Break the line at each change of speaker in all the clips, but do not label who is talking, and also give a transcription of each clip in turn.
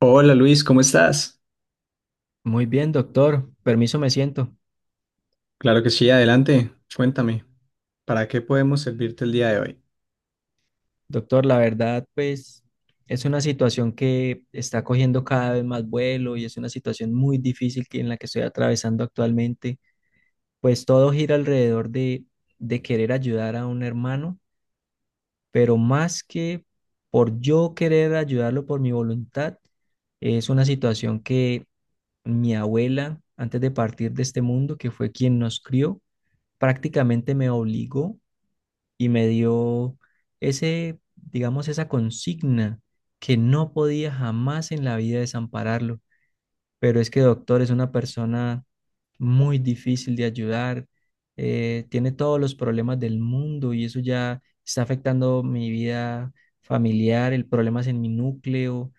Hola Luis, ¿cómo estás?
Muy bien, doctor. Permiso, me siento.
Claro que sí, adelante. Cuéntame, ¿para qué podemos servirte el día de hoy?
Doctor, la verdad, pues es una situación que está cogiendo cada vez más vuelo y es una situación muy difícil que en la que estoy atravesando actualmente. Pues todo gira alrededor de querer ayudar a un hermano, pero más que por yo querer ayudarlo por mi voluntad, es una situación que mi abuela, antes de partir de este mundo, que fue quien nos crió, prácticamente me obligó y me dio ese, digamos, esa consigna que no podía jamás en la vida desampararlo. Pero es que doctor es una persona muy difícil de ayudar, tiene todos los problemas del mundo y eso ya está afectando mi vida familiar. El problema es en mi núcleo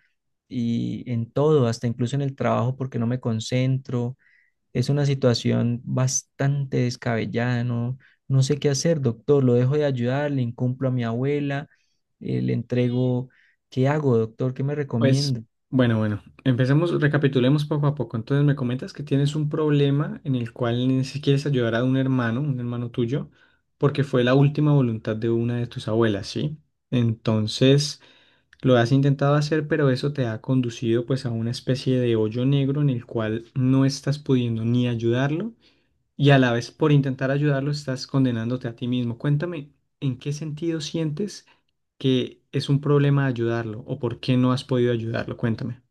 y en todo, hasta incluso en el trabajo porque no me concentro. Es una situación bastante descabellada. No, no sé qué hacer, doctor. ¿Lo dejo de ayudar? Le incumplo a mi abuela, le entrego. ¿Qué hago, doctor? ¿Qué me
Pues,
recomienda?
bueno, empecemos, recapitulemos poco a poco. Entonces me comentas que tienes un problema en el cual ni si quieres ayudar a un hermano tuyo, porque fue la última voluntad de una de tus abuelas, ¿sí? Entonces lo has intentado hacer, pero eso te ha conducido pues a una especie de hoyo negro en el cual no estás pudiendo ni ayudarlo y a la vez por intentar ayudarlo estás condenándote a ti mismo. Cuéntame, ¿en qué sentido sientes que es un problema ayudarlo o por qué no has podido ayudarlo? Cuéntame.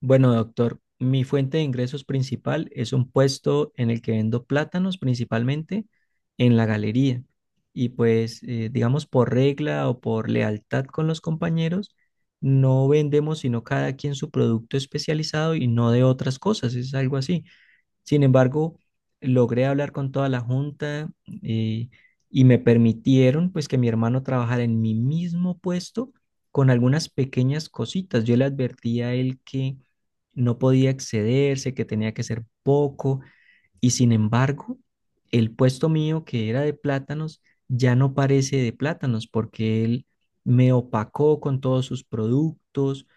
Bueno, doctor, mi fuente de ingresos principal es un puesto en el que vendo plátanos principalmente en la galería. Y pues, digamos, por regla o por lealtad con los compañeros, no vendemos sino cada quien su producto especializado y no de otras cosas, es algo así. Sin embargo, logré hablar con toda la junta eh, y me permitieron pues que mi hermano trabajara en mi mismo puesto con algunas pequeñas cositas. Yo le advertí a él que no podía excederse, que tenía que ser poco y, sin embargo, el puesto mío que era de plátanos ya no parece de plátanos porque él me opacó con todos sus productos,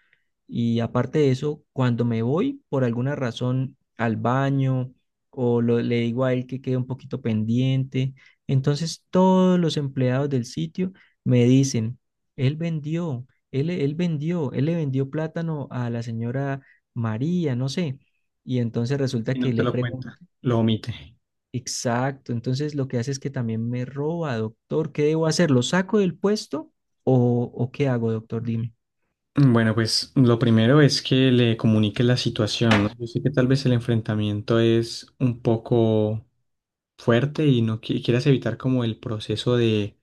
y aparte de eso, cuando me voy por alguna razón al baño le digo a él que quede un poquito pendiente, entonces todos los empleados del sitio me dicen, él vendió, él vendió, él le vendió plátano a la señora María, no sé. Y entonces
Y
resulta que
no te
le
lo cuenta.
pregunto,
Lo omite.
exacto, entonces lo que hace es que también me roba, doctor. ¿Qué debo hacer? ¿Lo saco del puesto o qué hago, doctor? Dime.
Bueno, pues lo primero es que le comuniques la situación, ¿no? Yo sé que tal vez el enfrentamiento es un poco fuerte y no quieras evitar como el proceso de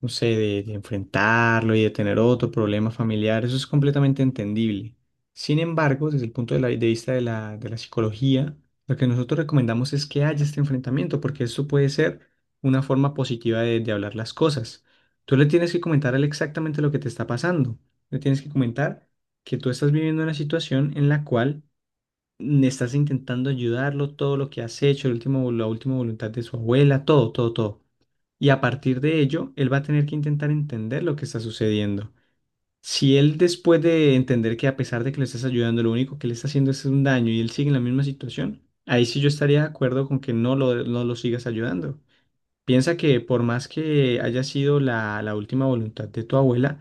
no sé, de enfrentarlo y de tener otro problema familiar, eso es completamente entendible. Sin embargo, desde el punto de vista de la psicología, lo que nosotros recomendamos es que haya este enfrentamiento, porque eso puede ser una forma positiva de hablar las cosas. Tú le tienes que comentar a él exactamente lo que te está pasando. Le tienes que comentar que tú estás viviendo una situación en la cual estás intentando ayudarlo, todo lo que has hecho, el último, la última voluntad de su abuela, todo, todo, todo. Y a partir de ello, él va a tener que intentar entender lo que está sucediendo. Si él después de entender que a pesar de que le estás ayudando, lo único que le está haciendo es un daño y él sigue en la misma situación, ahí sí yo estaría de acuerdo con que no lo sigas ayudando. Piensa que por más que haya sido la última voluntad de tu abuela,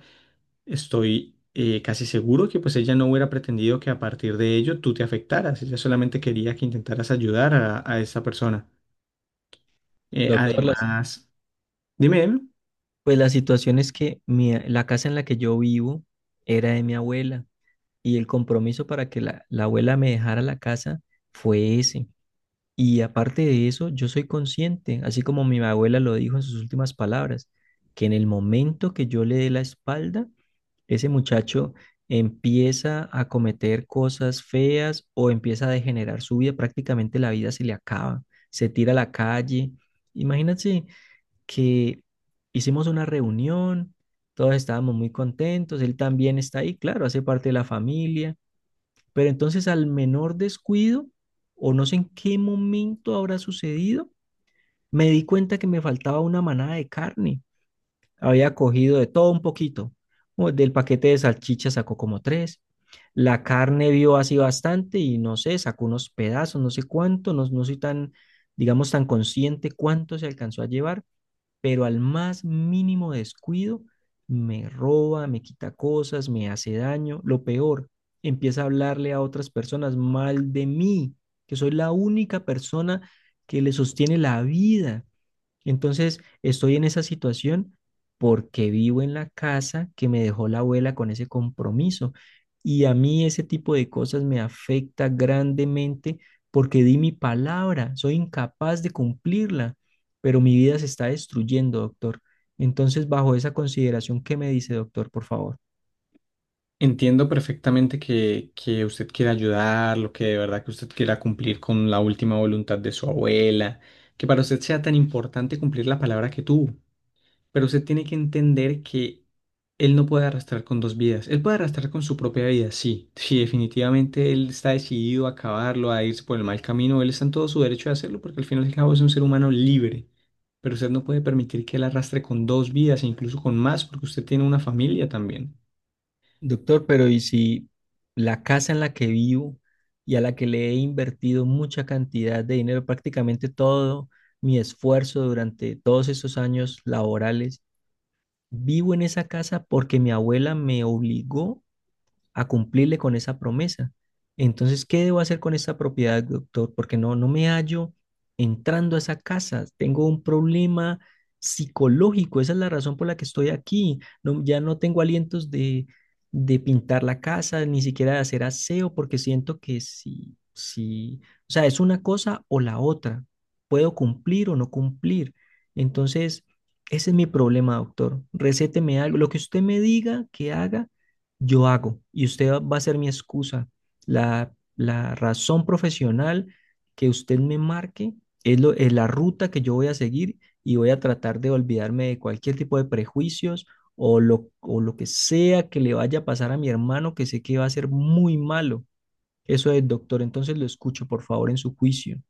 estoy casi seguro que pues ella no hubiera pretendido que a partir de ello tú te afectaras. Ella solamente quería que intentaras ayudar a esa persona. Eh,
Doctor, la,
además, dime, dime,
pues la situación es que la casa en la que yo vivo era de mi abuela y el compromiso para que la abuela me dejara la casa fue ese. Y aparte de eso, yo soy consciente, así como mi abuela lo dijo en sus últimas palabras, que en el momento que yo le dé la espalda, ese muchacho empieza a cometer cosas feas o empieza a degenerar su vida, prácticamente la vida se le acaba, se tira a la calle. Imagínate que hicimos una reunión, todos estábamos muy contentos, él también está ahí, claro, hace parte de la familia, pero entonces al menor descuido, o no sé en qué momento habrá sucedido, me di cuenta que me faltaba una manada de carne. Había cogido de todo un poquito. O del paquete de salchicha sacó como tres. La carne vio así bastante y no sé, sacó unos pedazos, no sé cuánto, no, no soy tan, digamos, tan consciente cuánto se alcanzó a llevar, pero al más mínimo descuido me roba, me quita cosas, me hace daño. Lo peor, empieza a hablarle a otras personas mal de mí, que soy la única persona que le sostiene la vida. Entonces, estoy en esa situación porque vivo en la casa que me dejó la abuela con ese compromiso. Y a mí ese tipo de cosas me afecta grandemente porque di mi palabra, soy incapaz de cumplirla, pero mi vida se está destruyendo, doctor. Entonces, bajo esa consideración, ¿qué me dice, doctor, por favor?
entiendo perfectamente que usted quiera ayudar, lo que de verdad que usted quiera cumplir con la última voluntad de su abuela, que para usted sea tan importante cumplir la palabra que tuvo. Pero usted tiene que entender que él no puede arrastrar con dos vidas. Él puede arrastrar con su propia vida, sí. Sí, definitivamente él está decidido a acabarlo, a irse por el mal camino. Él está en todo su derecho de hacerlo porque al final y al cabo es un ser humano libre. Pero usted no puede permitir que él arrastre con dos vidas e incluso con más porque usted tiene una familia también.
Doctor, pero ¿y si la casa en la que vivo y a la que le he invertido mucha cantidad de dinero, prácticamente todo mi esfuerzo durante todos esos años laborales, vivo en esa casa porque mi abuela me obligó a cumplirle con esa promesa. Entonces, ¿qué debo hacer con esta propiedad, doctor? Porque no, no me hallo entrando a esa casa. Tengo un problema psicológico. Esa es la razón por la que estoy aquí. No, ya no tengo alientos de pintar la casa, ni siquiera de hacer aseo, porque siento que si, si, o sea, es una cosa o la otra. Puedo cumplir o no cumplir. Entonces, ese es mi problema, doctor. Recéteme algo. Lo que usted me diga que haga, yo hago y usted va a ser mi excusa. La razón profesional que usted me marque es la ruta que yo voy a seguir y voy a tratar de olvidarme de cualquier tipo de prejuicios o lo que sea que le vaya a pasar a mi hermano que sé que va a ser muy malo. Eso es, doctor. Entonces lo escucho, por favor, en su juicio.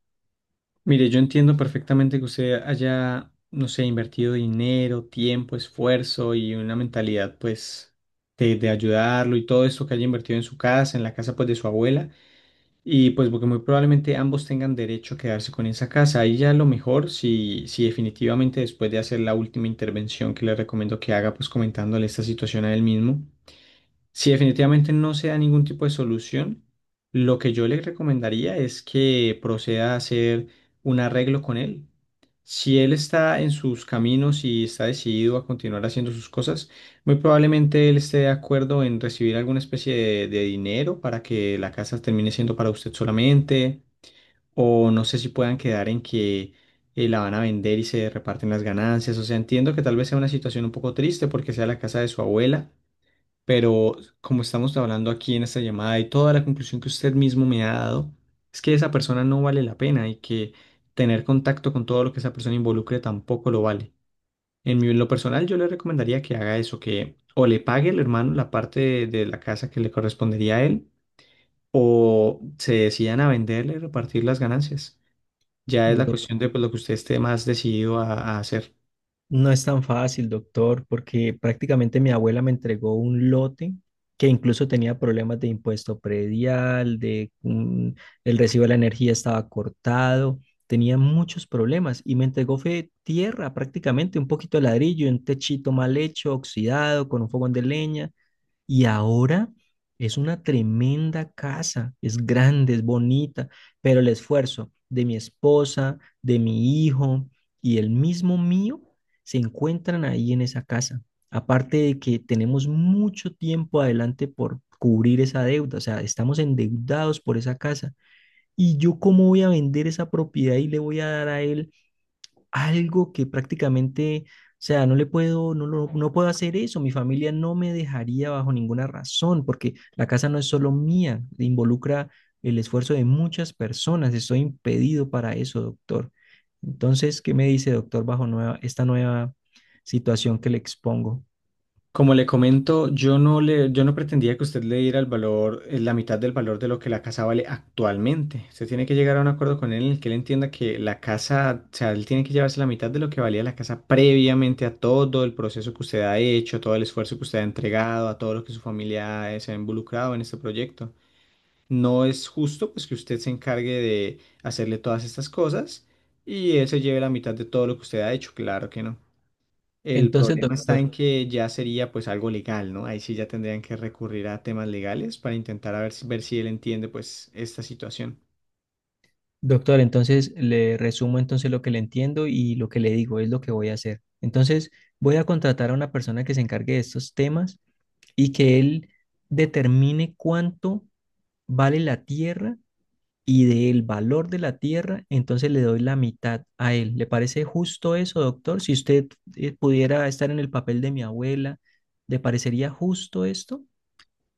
Mire, yo entiendo perfectamente que usted haya, no sé, invertido dinero, tiempo, esfuerzo y una mentalidad, pues, de ayudarlo y todo esto que haya invertido en su casa, en la casa, pues, de su abuela. Y pues porque muy probablemente ambos tengan derecho a quedarse con esa casa. Ahí ya lo mejor, si definitivamente después de hacer la última intervención que le recomiendo que haga, pues comentándole esta situación a él mismo, si definitivamente no se da ningún tipo de solución, lo que yo le recomendaría es que proceda a hacer un arreglo con él. Si él está en sus caminos y está decidido a continuar haciendo sus cosas, muy probablemente él esté de acuerdo en recibir alguna especie de dinero para que la casa termine siendo para usted solamente, o no sé si puedan quedar en que la van a vender y se reparten las ganancias. O sea, entiendo que tal vez sea una situación un poco triste porque sea la casa de su abuela pero como estamos hablando aquí en esta llamada y toda la conclusión que usted mismo me ha dado, es que esa persona no vale la pena y que tener contacto con todo lo que esa persona involucre tampoco lo vale. En lo personal, yo le recomendaría que haga eso, que o le pague el hermano la parte de la casa que le correspondería a él, o se decidan a venderle y repartir las ganancias. Ya es la
Do-
cuestión de pues, lo que usted esté más decidido a hacer.
No es tan fácil, doctor, porque prácticamente mi abuela me entregó un lote que incluso tenía problemas de impuesto predial, el recibo de la energía estaba cortado, tenía muchos problemas y me entregó fue tierra, prácticamente un poquito de ladrillo, un techito mal hecho, oxidado, con un fogón de leña y ahora es una tremenda casa, es grande, es bonita, pero el esfuerzo de mi esposa, de mi hijo y el mismo mío se encuentran ahí en esa casa. Aparte de que tenemos mucho tiempo adelante por cubrir esa deuda, o sea, estamos endeudados por esa casa. ¿Y yo cómo voy a vender esa propiedad y le voy a dar a él algo que prácticamente, o sea, no le puedo, no puedo hacer eso? Mi familia no me dejaría bajo ninguna razón, porque la casa no es solo mía, involucra el esfuerzo de muchas personas, estoy impedido para eso, doctor. Entonces, ¿qué me dice, doctor, bajo esta nueva situación que le expongo?
Como le comento, yo no pretendía que usted le diera el valor, la mitad del valor de lo que la casa vale actualmente. Usted tiene que llegar a un acuerdo con él en el que él entienda que la casa, o sea, él tiene que llevarse la mitad de lo que valía la casa previamente a todo el proceso que usted ha hecho, todo el esfuerzo que usted ha entregado, a todo lo que su familia se ha involucrado en este proyecto. No es justo, pues, que usted se encargue de hacerle todas estas cosas y él se lleve la mitad de todo lo que usted ha hecho. Claro que no. El
Entonces,
problema está en
doctor,
que ya sería pues algo legal, ¿no? Ahí sí ya tendrían que recurrir a temas legales para intentar a ver si él entiende pues esta situación.
doctor, entonces le resumo entonces lo que le entiendo y lo que le digo es lo que voy a hacer. Entonces, voy a contratar a una persona que se encargue de estos temas y que él determine cuánto vale la tierra y del valor de la tierra, entonces le doy la mitad a él. ¿Le parece justo eso, doctor? Si usted pudiera estar en el papel de mi abuela, ¿le parecería justo esto?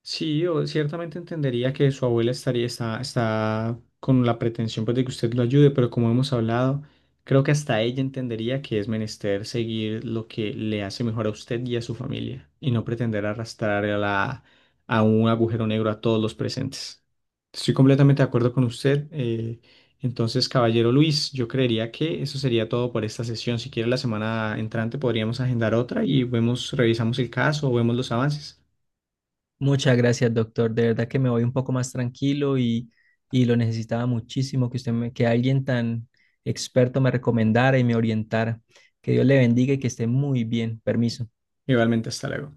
Sí, yo ciertamente entendería que su abuela está, está con la pretensión pues, de que usted lo ayude, pero como hemos hablado, creo que hasta ella entendería que es menester seguir lo que le hace mejor a usted y a su familia, y no pretender arrastrar a un agujero negro a todos los presentes. Estoy completamente de acuerdo con usted. Entonces, caballero Luis, yo creería que eso sería todo por esta sesión. Si quiere, la semana entrante podríamos agendar otra y vemos, revisamos el caso o vemos los avances.
Muchas gracias, doctor. De verdad que me voy un poco más tranquilo y lo necesitaba muchísimo que usted me, que alguien tan experto me recomendara y me orientara. Que Dios le bendiga y que esté muy bien. Permiso.
Igualmente, hasta luego.